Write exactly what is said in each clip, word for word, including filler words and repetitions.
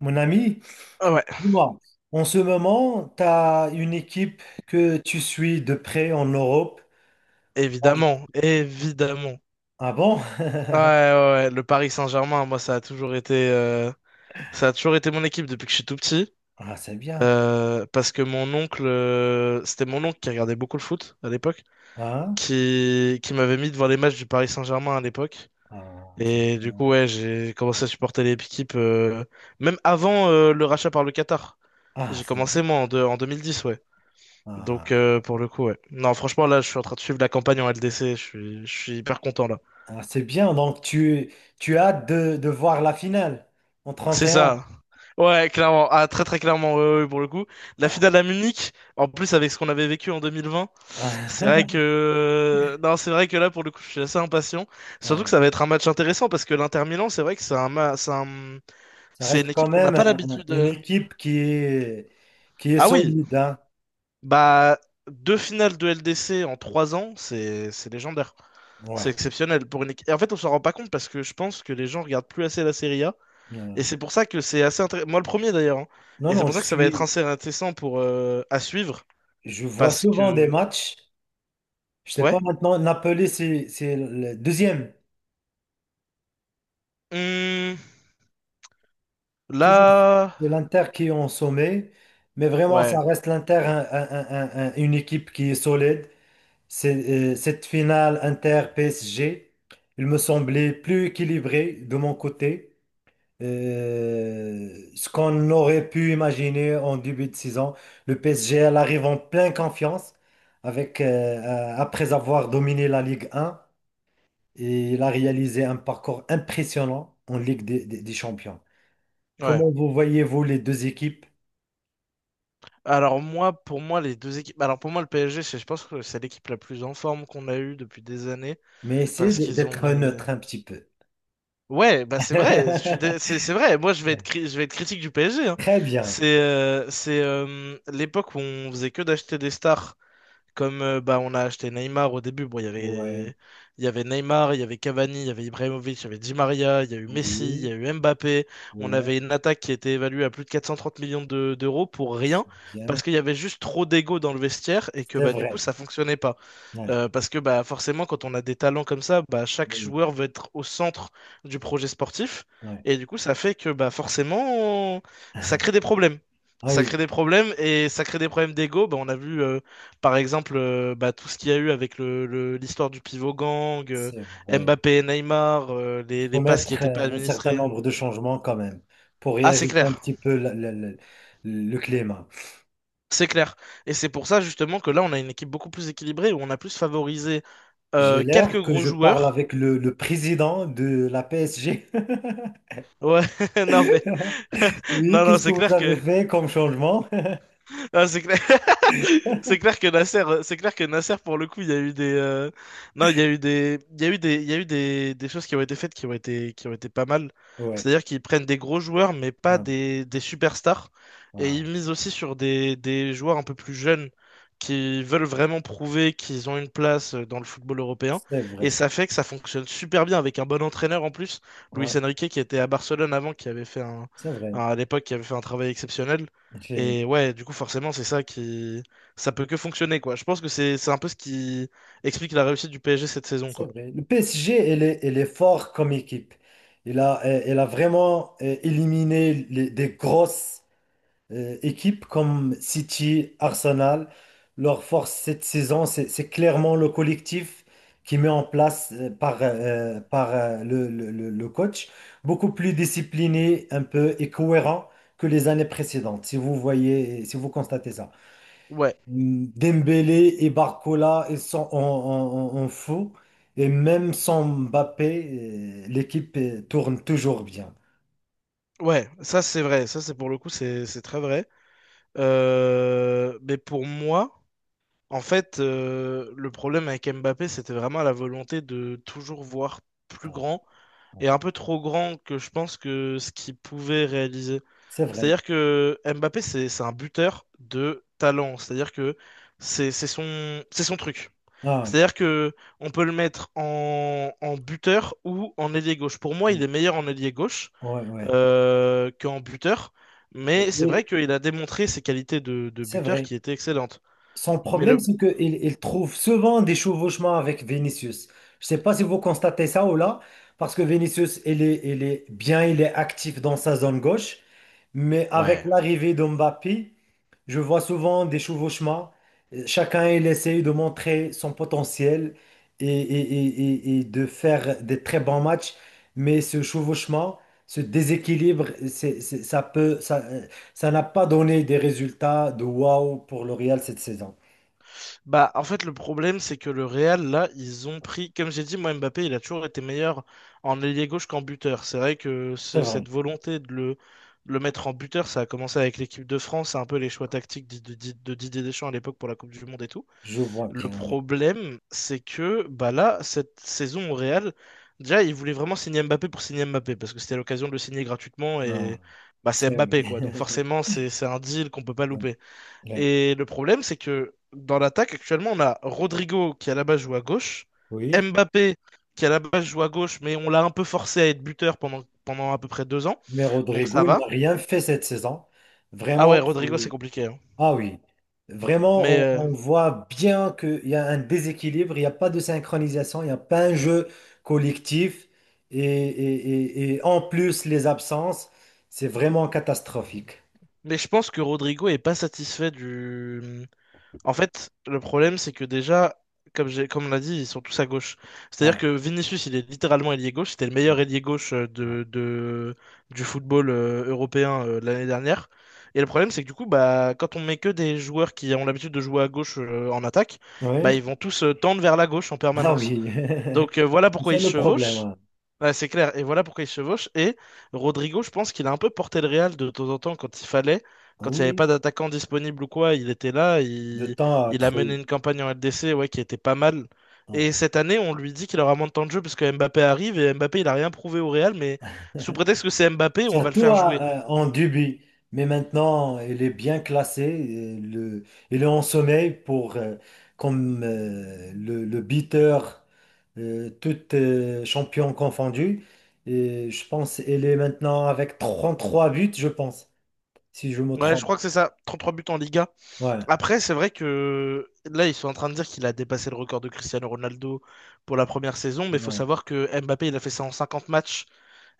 Mon ami, Ah ouais, dis-moi, en ce moment, tu as une équipe que tu suis de près en Europe. Ah je- évidemment, évidemment. ah bon? Ouais, ouais, ouais, le Paris Saint-Germain, moi, ça a toujours été, euh, ça a toujours été mon équipe depuis que je suis tout petit. Ah, c'est bien. Euh, parce que mon oncle, euh, c'était mon oncle qui regardait beaucoup le foot à l'époque, Hein? qui, qui m'avait mis devant les matchs du Paris Saint-Germain à l'époque. Ah, c'est Et du bien. coup, ouais, j'ai commencé à supporter l'équipe, euh, même avant, euh, le rachat par le Qatar. Ah, J'ai c'est bien. commencé, moi, en, deux- en deux mille dix, ouais. Donc, Ah, euh, pour le coup, ouais. Non, franchement, là, je suis en train de suivre la campagne en L D C. Je suis, je suis hyper content, là. ah, c'est bien. Donc, tu, tu as hâte de, de voir la finale en C'est trente et un. ça. Ouais, clairement. Ah, très très clairement, ouais, ouais, ouais, pour le coup. La finale Ah, à Munich, en plus avec ce qu'on avait vécu en deux mille vingt, ah, c'est vrai que... Non, c'est vrai que là, pour le coup, je suis assez impatient. Surtout que ouais. ça va être un match intéressant parce que l'Inter Milan, c'est vrai que c'est un, ma- c'est un- Ça c'est une reste quand équipe qu'on n'a même un- pas un- l'habitude... une euh. équipe qui est, qui est Ah oui, solide, hein. bah, deux finales de LDC en trois ans, c'est c'est légendaire. C'est Ouais. exceptionnel pour une équipe. Et en fait, on s'en rend pas compte parce que je pense que les gens regardent plus assez la Serie A. Euh, Et c'est pour ça que c'est assez intéressant. Moi, le premier d'ailleurs, hein. non, Et c'est non, pour je ça que ça va être suis, assez intéressant pour euh, à suivre. je vois Parce souvent des que. matchs. Je sais Ouais. pas maintenant, Napoli, c'est c'est le deuxième. Hum, Toujours, là. c'est l'Inter qui est en sommet. Mais vraiment, ça Ouais. reste l'Inter, un- un- un- un- une équipe qui est solide. C'est, euh, cette finale Inter-P S G, il me semblait plus équilibré de mon côté. Euh, ce qu'on aurait pu imaginer en début de saison, le P S G, elle arrive en pleine confiance avec, euh, euh, après avoir dominé la Ligue un. Et il a réalisé un parcours impressionnant en Ligue des, des- des Champions. Ouais. Comment vous voyez-vous les deux équipes? Alors, moi, pour moi, les deux équipes. Alors, pour moi, le P S G, c'est- je pense que c'est l'équipe la plus en forme qu'on a eue depuis des années. Mais essayez Parce d- qu'ils ont d'être mis. neutre un petit peu. Ouais, bah, c'est vrai. Je suis dé- C'est c'est vrai. Moi, je vais être, cri- je vais être critique du P S G, hein. Très bien. C'est euh, c'est euh, l'époque où on faisait que d'acheter des stars. Comme euh, bah, on a acheté Neymar au début, bon, il y Ouais, avait, il y avait Neymar, il y avait Cavani, il y avait Ibrahimovic, il y avait Di Maria, il y a eu Messi, il y oui, a eu Mbappé. On ouais, avait une attaque qui était évaluée à plus de quatre cent trente millions de- d'euros pour rien, parce bien. qu'il y avait juste trop d'ego dans le vestiaire et que C'est bah, du coup, vrai. ça fonctionnait pas. Ouais, Euh, parce que bah, forcément, quand on a des talents comme ça, bah, chaque oui, joueur veut être au centre du projet sportif. ouais. Et du coup, ça fait que bah, forcément, ça crée des problèmes. Ah Ça oui, crée des problèmes et ça crée des problèmes d'ego. Bah, on a vu euh, par exemple, euh, bah, tout ce qu'il y a eu avec le, le- l'histoire du pivot gang, euh, c'est vrai. Mbappé et Neymar, euh, Il les, faut les passes qui mettre n'étaient pas euh, un certain administrées. nombre de changements quand même pour Ah, c'est réajuster un clair, petit peu la- la- la- le climat. c'est clair. Et c'est pour ça justement que là, on a une équipe beaucoup plus équilibrée, où on a plus favorisé J'ai euh, quelques l'air que gros je parle joueurs. avec le, le président de la P S G. Ouais, non mais Oui, non non qu'est-ce que c'est vous clair avez que fait comme changement? non, c'est clair c'est clair que Nasser, euh, c'est clair que Nasser, pour le coup, il y a eu des, euh, non, il y a eu des, il y a eu des, il y a eu des, des choses qui ont été faites qui ont été, qui ont été pas mal. Oui, C'est-à-dire qu'ils prennent des gros joueurs, mais pas des, des superstars, et ils misent aussi sur des, des joueurs un peu plus jeunes qui veulent vraiment prouver qu'ils ont une place euh, dans le football européen. c'est Et vrai. ça fait que ça fonctionne super bien avec un bon entraîneur en plus, Luis Ouais, Enrique, qui était à Barcelone avant, qui avait fait un, c'est un- vrai. à l'époque, qui avait fait un travail exceptionnel. J'ai- Et ouais, du coup, forcément, c'est ça qui ça peut que fonctionner, quoi. Je pense que c'est c'est un peu ce qui explique la réussite du P S G cette saison, C'est quoi. vrai. Le P S G, elle est, elle est fort comme équipe. Il a, elle a vraiment euh, éliminé les- des grosses euh, équipes comme City, Arsenal, leur force cette saison, c'est c'est clairement le collectif qui met en place euh, par, euh, par euh, le, le- le- le coach, beaucoup plus discipliné un peu et cohérent que les années précédentes, si vous voyez, si vous constatez ça. Ouais, Mm, Dembélé et Barcola, ils sont en, en- en- en fou. Et même sans Mbappé, euh, l'équipe euh, tourne toujours bien. ouais, ça c'est vrai, ça c'est pour le coup, c'est c'est très vrai. Euh, mais pour moi, en fait, euh, le problème avec Mbappé, c'était vraiment la volonté de toujours voir plus Ah, grand et un peu trop grand que je pense que ce qu'il pouvait réaliser. c'est vrai. C'est-à-dire que Mbappé, c'est c'est un buteur de talent, c'est-à-dire que c'est c'est son, c'est son truc. Ah, C'est-à-dire que on peut le mettre en, en buteur ou en ailier gauche. Pour moi, il ouais. est meilleur en ailier gauche Ouais, euh, qu'en buteur, mais c'est vrai ouais. qu'il a démontré ses qualités de, de C'est buteur vrai. qui étaient excellentes. Son Mais problème, le c'est qu'il il trouve souvent des chevauchements avec Vinicius. Je ne sais pas si vous constatez ça ou là, parce que Vinicius, il est, il est bien, il est actif dans sa zone gauche, mais avec ouais. l'arrivée de Mbappé, je vois souvent des chevauchements. Chacun, il essaye de montrer son potentiel et, et- et- et- et de faire des très bons matchs, mais ce chevauchement, ce déséquilibre, c'est, c'est- ça peut, ça, ça n'a pas donné des résultats de waouh pour le Real cette saison. Bah en fait le problème c'est que le Real là, ils ont pris comme j'ai dit moi Mbappé, il a toujours été meilleur en ailier gauche qu'en buteur. C'est vrai que C'est ce- vrai, cette volonté de le de le mettre en buteur, ça a commencé avec l'équipe de France, c'est un peu les choix tactiques de, de de Didier Deschamps à l'époque pour la Coupe du Monde et tout. je vois Le bien. Ouais. problème, c'est que bah là, cette saison au Real, déjà, ils voulaient vraiment signer Mbappé pour signer Mbappé, parce que c'était l'occasion de le signer gratuitement Ah, et bah, c'est c'est vrai. Mbappé, quoi. Donc forcément, c'est c'est un deal qu'on peut pas louper. Ouais. Et le problème, c'est que dans l'attaque, actuellement, on a Rodrigo qui à la base joue à gauche, Oui, Mbappé qui à la base joue à gauche, mais on l'a un peu forcé à être buteur pendant, pendant à peu près deux ans, mais donc ça Rodrigo, il va. n'a rien fait cette saison. Ah Vraiment, ouais, c'est... Rodrigo, c'est compliqué, hein. Ah oui, Mais, vraiment, on, euh, on voit bien qu'il y a un déséquilibre, il n'y a pas de synchronisation, il n'y a pas un jeu collectif. Et, et- et- et en plus, les absences, c'est vraiment catastrophique. mais je pense que Rodrigo est pas satisfait du En fait, le problème, c'est que déjà, comme j'ai, comme on l'a dit, ils sont tous à gauche. C'est-à-dire Ouais, que Vinicius, il est littéralement ailier gauche. C'était le ouais, meilleur ailier gauche euh, ouais. de, de- du football euh, européen euh, de l'année dernière. Et le problème, c'est que du coup, bah, quand on met que des joueurs qui ont l'habitude de jouer à gauche euh, en attaque, bah, Oui, ils vont tous euh, tendre vers la gauche en ah permanence. oui. Donc euh, voilà pourquoi C'est ils se le problème, chevauchent. hein. Ouais, c'est clair. Et voilà pourquoi il se chevauche. Et Rodrigo, je pense qu'il a un peu porté le Real de temps en temps quand il fallait. Quand il n'y avait Oui, pas d'attaquant disponible ou quoi, il était là. de Il, temps à Il a mené trouver. une campagne en L D C ouais, qui était pas mal. Hein. Et cette année, on lui dit qu'il aura moins de temps de jeu parce que Mbappé arrive et Mbappé, il a rien prouvé au Real. Mais sous prétexte que c'est Mbappé, on va le Surtout faire à- jouer. à- en début. Mais maintenant, il est bien classé. Et le, il est en sommeil pour, euh, comme euh, le, le beater, euh, tout euh, champion confondu. Et je pense il est maintenant avec trente trois buts, je pense, si je me Ouais, je trompe. crois que c'est ça. Trente-trois buts en Liga. Ouais, Après, c'est vrai que là, ils sont en train de dire qu'il a dépassé le record de Cristiano Ronaldo pour la première saison. Mais il faut ouais, savoir que Mbappé, il a fait ça en cinquante matchs.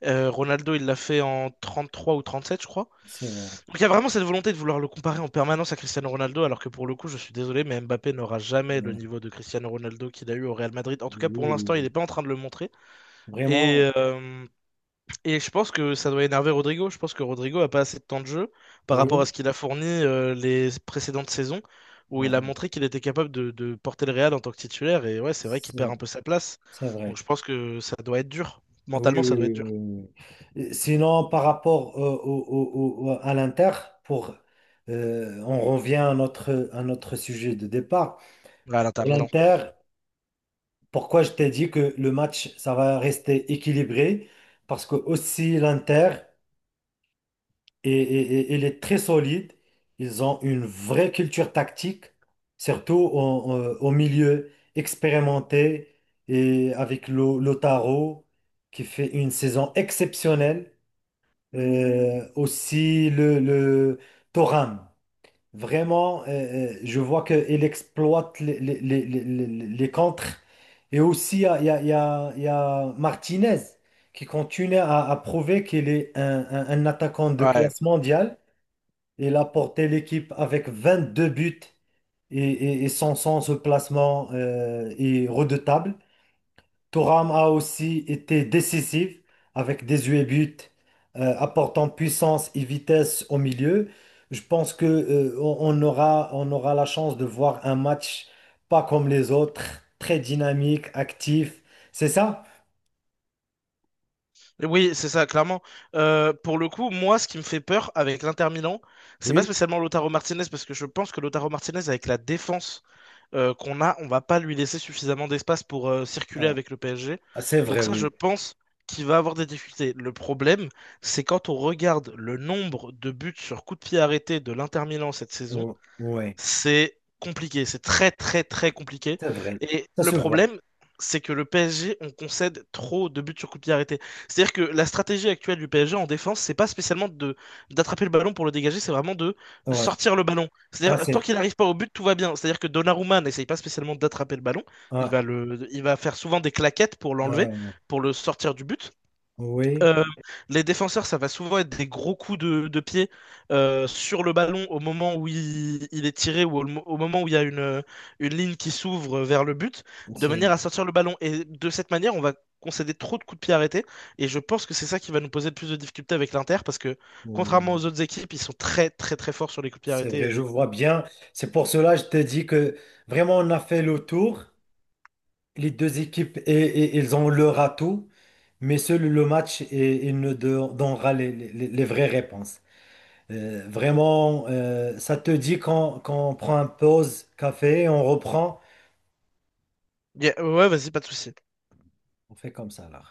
Euh, Ronaldo, il l'a fait en trente-trois ou trente-sept, je crois. c'est vrai. Donc il y a vraiment cette volonté de vouloir le comparer en permanence à Cristiano Ronaldo, alors que pour le coup, je suis désolé, mais Mbappé n'aura jamais le Ouais. niveau de Cristiano Ronaldo qu'il a eu au Real Madrid. En tout cas, Oui, pour oui, l'instant, il oui. n'est pas en train de le montrer. Vraiment, Et, euh, et je pense que ça doit énerver Rodrigo. Je pense que Rodrigo a pas assez de temps de jeu par rapport à oui, ce qu'il a fourni euh, les précédentes saisons, où il a ouais, montré qu'il était capable de, de porter le Real en tant que titulaire. Et ouais, c'est vrai qu'il perd c'est un peu sa place. c'est Donc vrai. je pense que ça doit être dur. Ah oui, Mentalement, oui, ça doit oui, être dur. oui, oui. Euh, Sinon, par rapport euh, au, au- au- à l'Inter, pour, euh, on revient à notre, à notre sujet de départ. Là, à l'Inter Pour Milan. l'Inter, pourquoi je t'ai dit que le match, ça va rester équilibré? Parce que aussi l'Inter, est, est- est- il est très solide. Ils ont une vraie culture tactique, surtout au, au- au milieu expérimenté et avec Lo- Lautaro, qui fait une saison exceptionnelle. Euh, aussi le, le Thuram. Vraiment, euh, euh, je vois qu'il exploite les, les, les, les, les- les contres. Et aussi, il y a, il y a- il y a- il y a Martinez qui continue à, à prouver qu'il est un, un- un attaquant de Ouais. classe mondiale. Il a porté l'équipe avec vingt-deux buts et, et, et son sens de placement euh, est redoutable. Thuram a aussi été décisif avec dix-huit buts, euh, apportant puissance et vitesse au milieu. Je pense que, euh, on on aura, on aura la chance de voir un match pas comme les autres, très dynamique, actif. C'est ça? Oui, c'est ça, clairement. Euh, pour le coup, moi, ce qui me fait peur avec l'Inter Milan, c'est pas Oui. spécialement Lautaro Martinez, parce que je pense que Lautaro Martinez, avec la défense euh, qu'on a, on va pas lui laisser suffisamment d'espace pour euh, circuler Ah, avec le P S G. c'est vrai, Donc ça, je oui. pense qu'il va avoir des difficultés. Le problème, c'est quand on regarde le nombre de buts sur coup de pied arrêté de l'Inter Milan cette saison, Ou- oui, c'est compliqué, c'est très très très compliqué. c'est vrai. Et Ça le se voit. problème, c'est que le P S G, on concède trop de buts sur coup de pied arrêté. C'est-à-dire que la stratégie actuelle du P S G en défense, c'est pas spécialement de d'attraper le ballon pour le dégager, c'est vraiment de Ouais. sortir le ballon. Ah, C'est-à-dire tant c'est, qu'il n'arrive pas au but, tout va bien. C'est-à-dire que Donnarumma n'essaye pas spécialement d'attraper le ballon, il ah, va le, il va faire souvent des claquettes pour l'enlever, ah, pour le sortir du but. oui, Euh, les défenseurs, ça va souvent être des gros coups de, de pied euh, sur le ballon au moment où il, il est tiré ou au, mo- au moment où il y a une, une ligne qui s'ouvre vers le but, de c'est, manière à sortir le ballon. Et de cette manière, on va concéder trop de coups de pied arrêtés. Et je pense que c'est ça qui va nous poser le plus de difficultés avec l'Inter, parce que contrairement aux autres équipes, ils sont très très très forts sur les coups de pied c'est vrai, je arrêtés. vois bien. C'est pour cela que je te dis que vraiment on a fait le tour. Les deux équipes, et, et- ils ont leur atout, mais seul le match, et, il ne don- donnera les, les- les vraies réponses. Euh, vraiment, euh, ça te dit qu'on qu'on prend un pause café, on reprend, Y a- Ouais, vas-y, pas de souci. on fait comme ça là.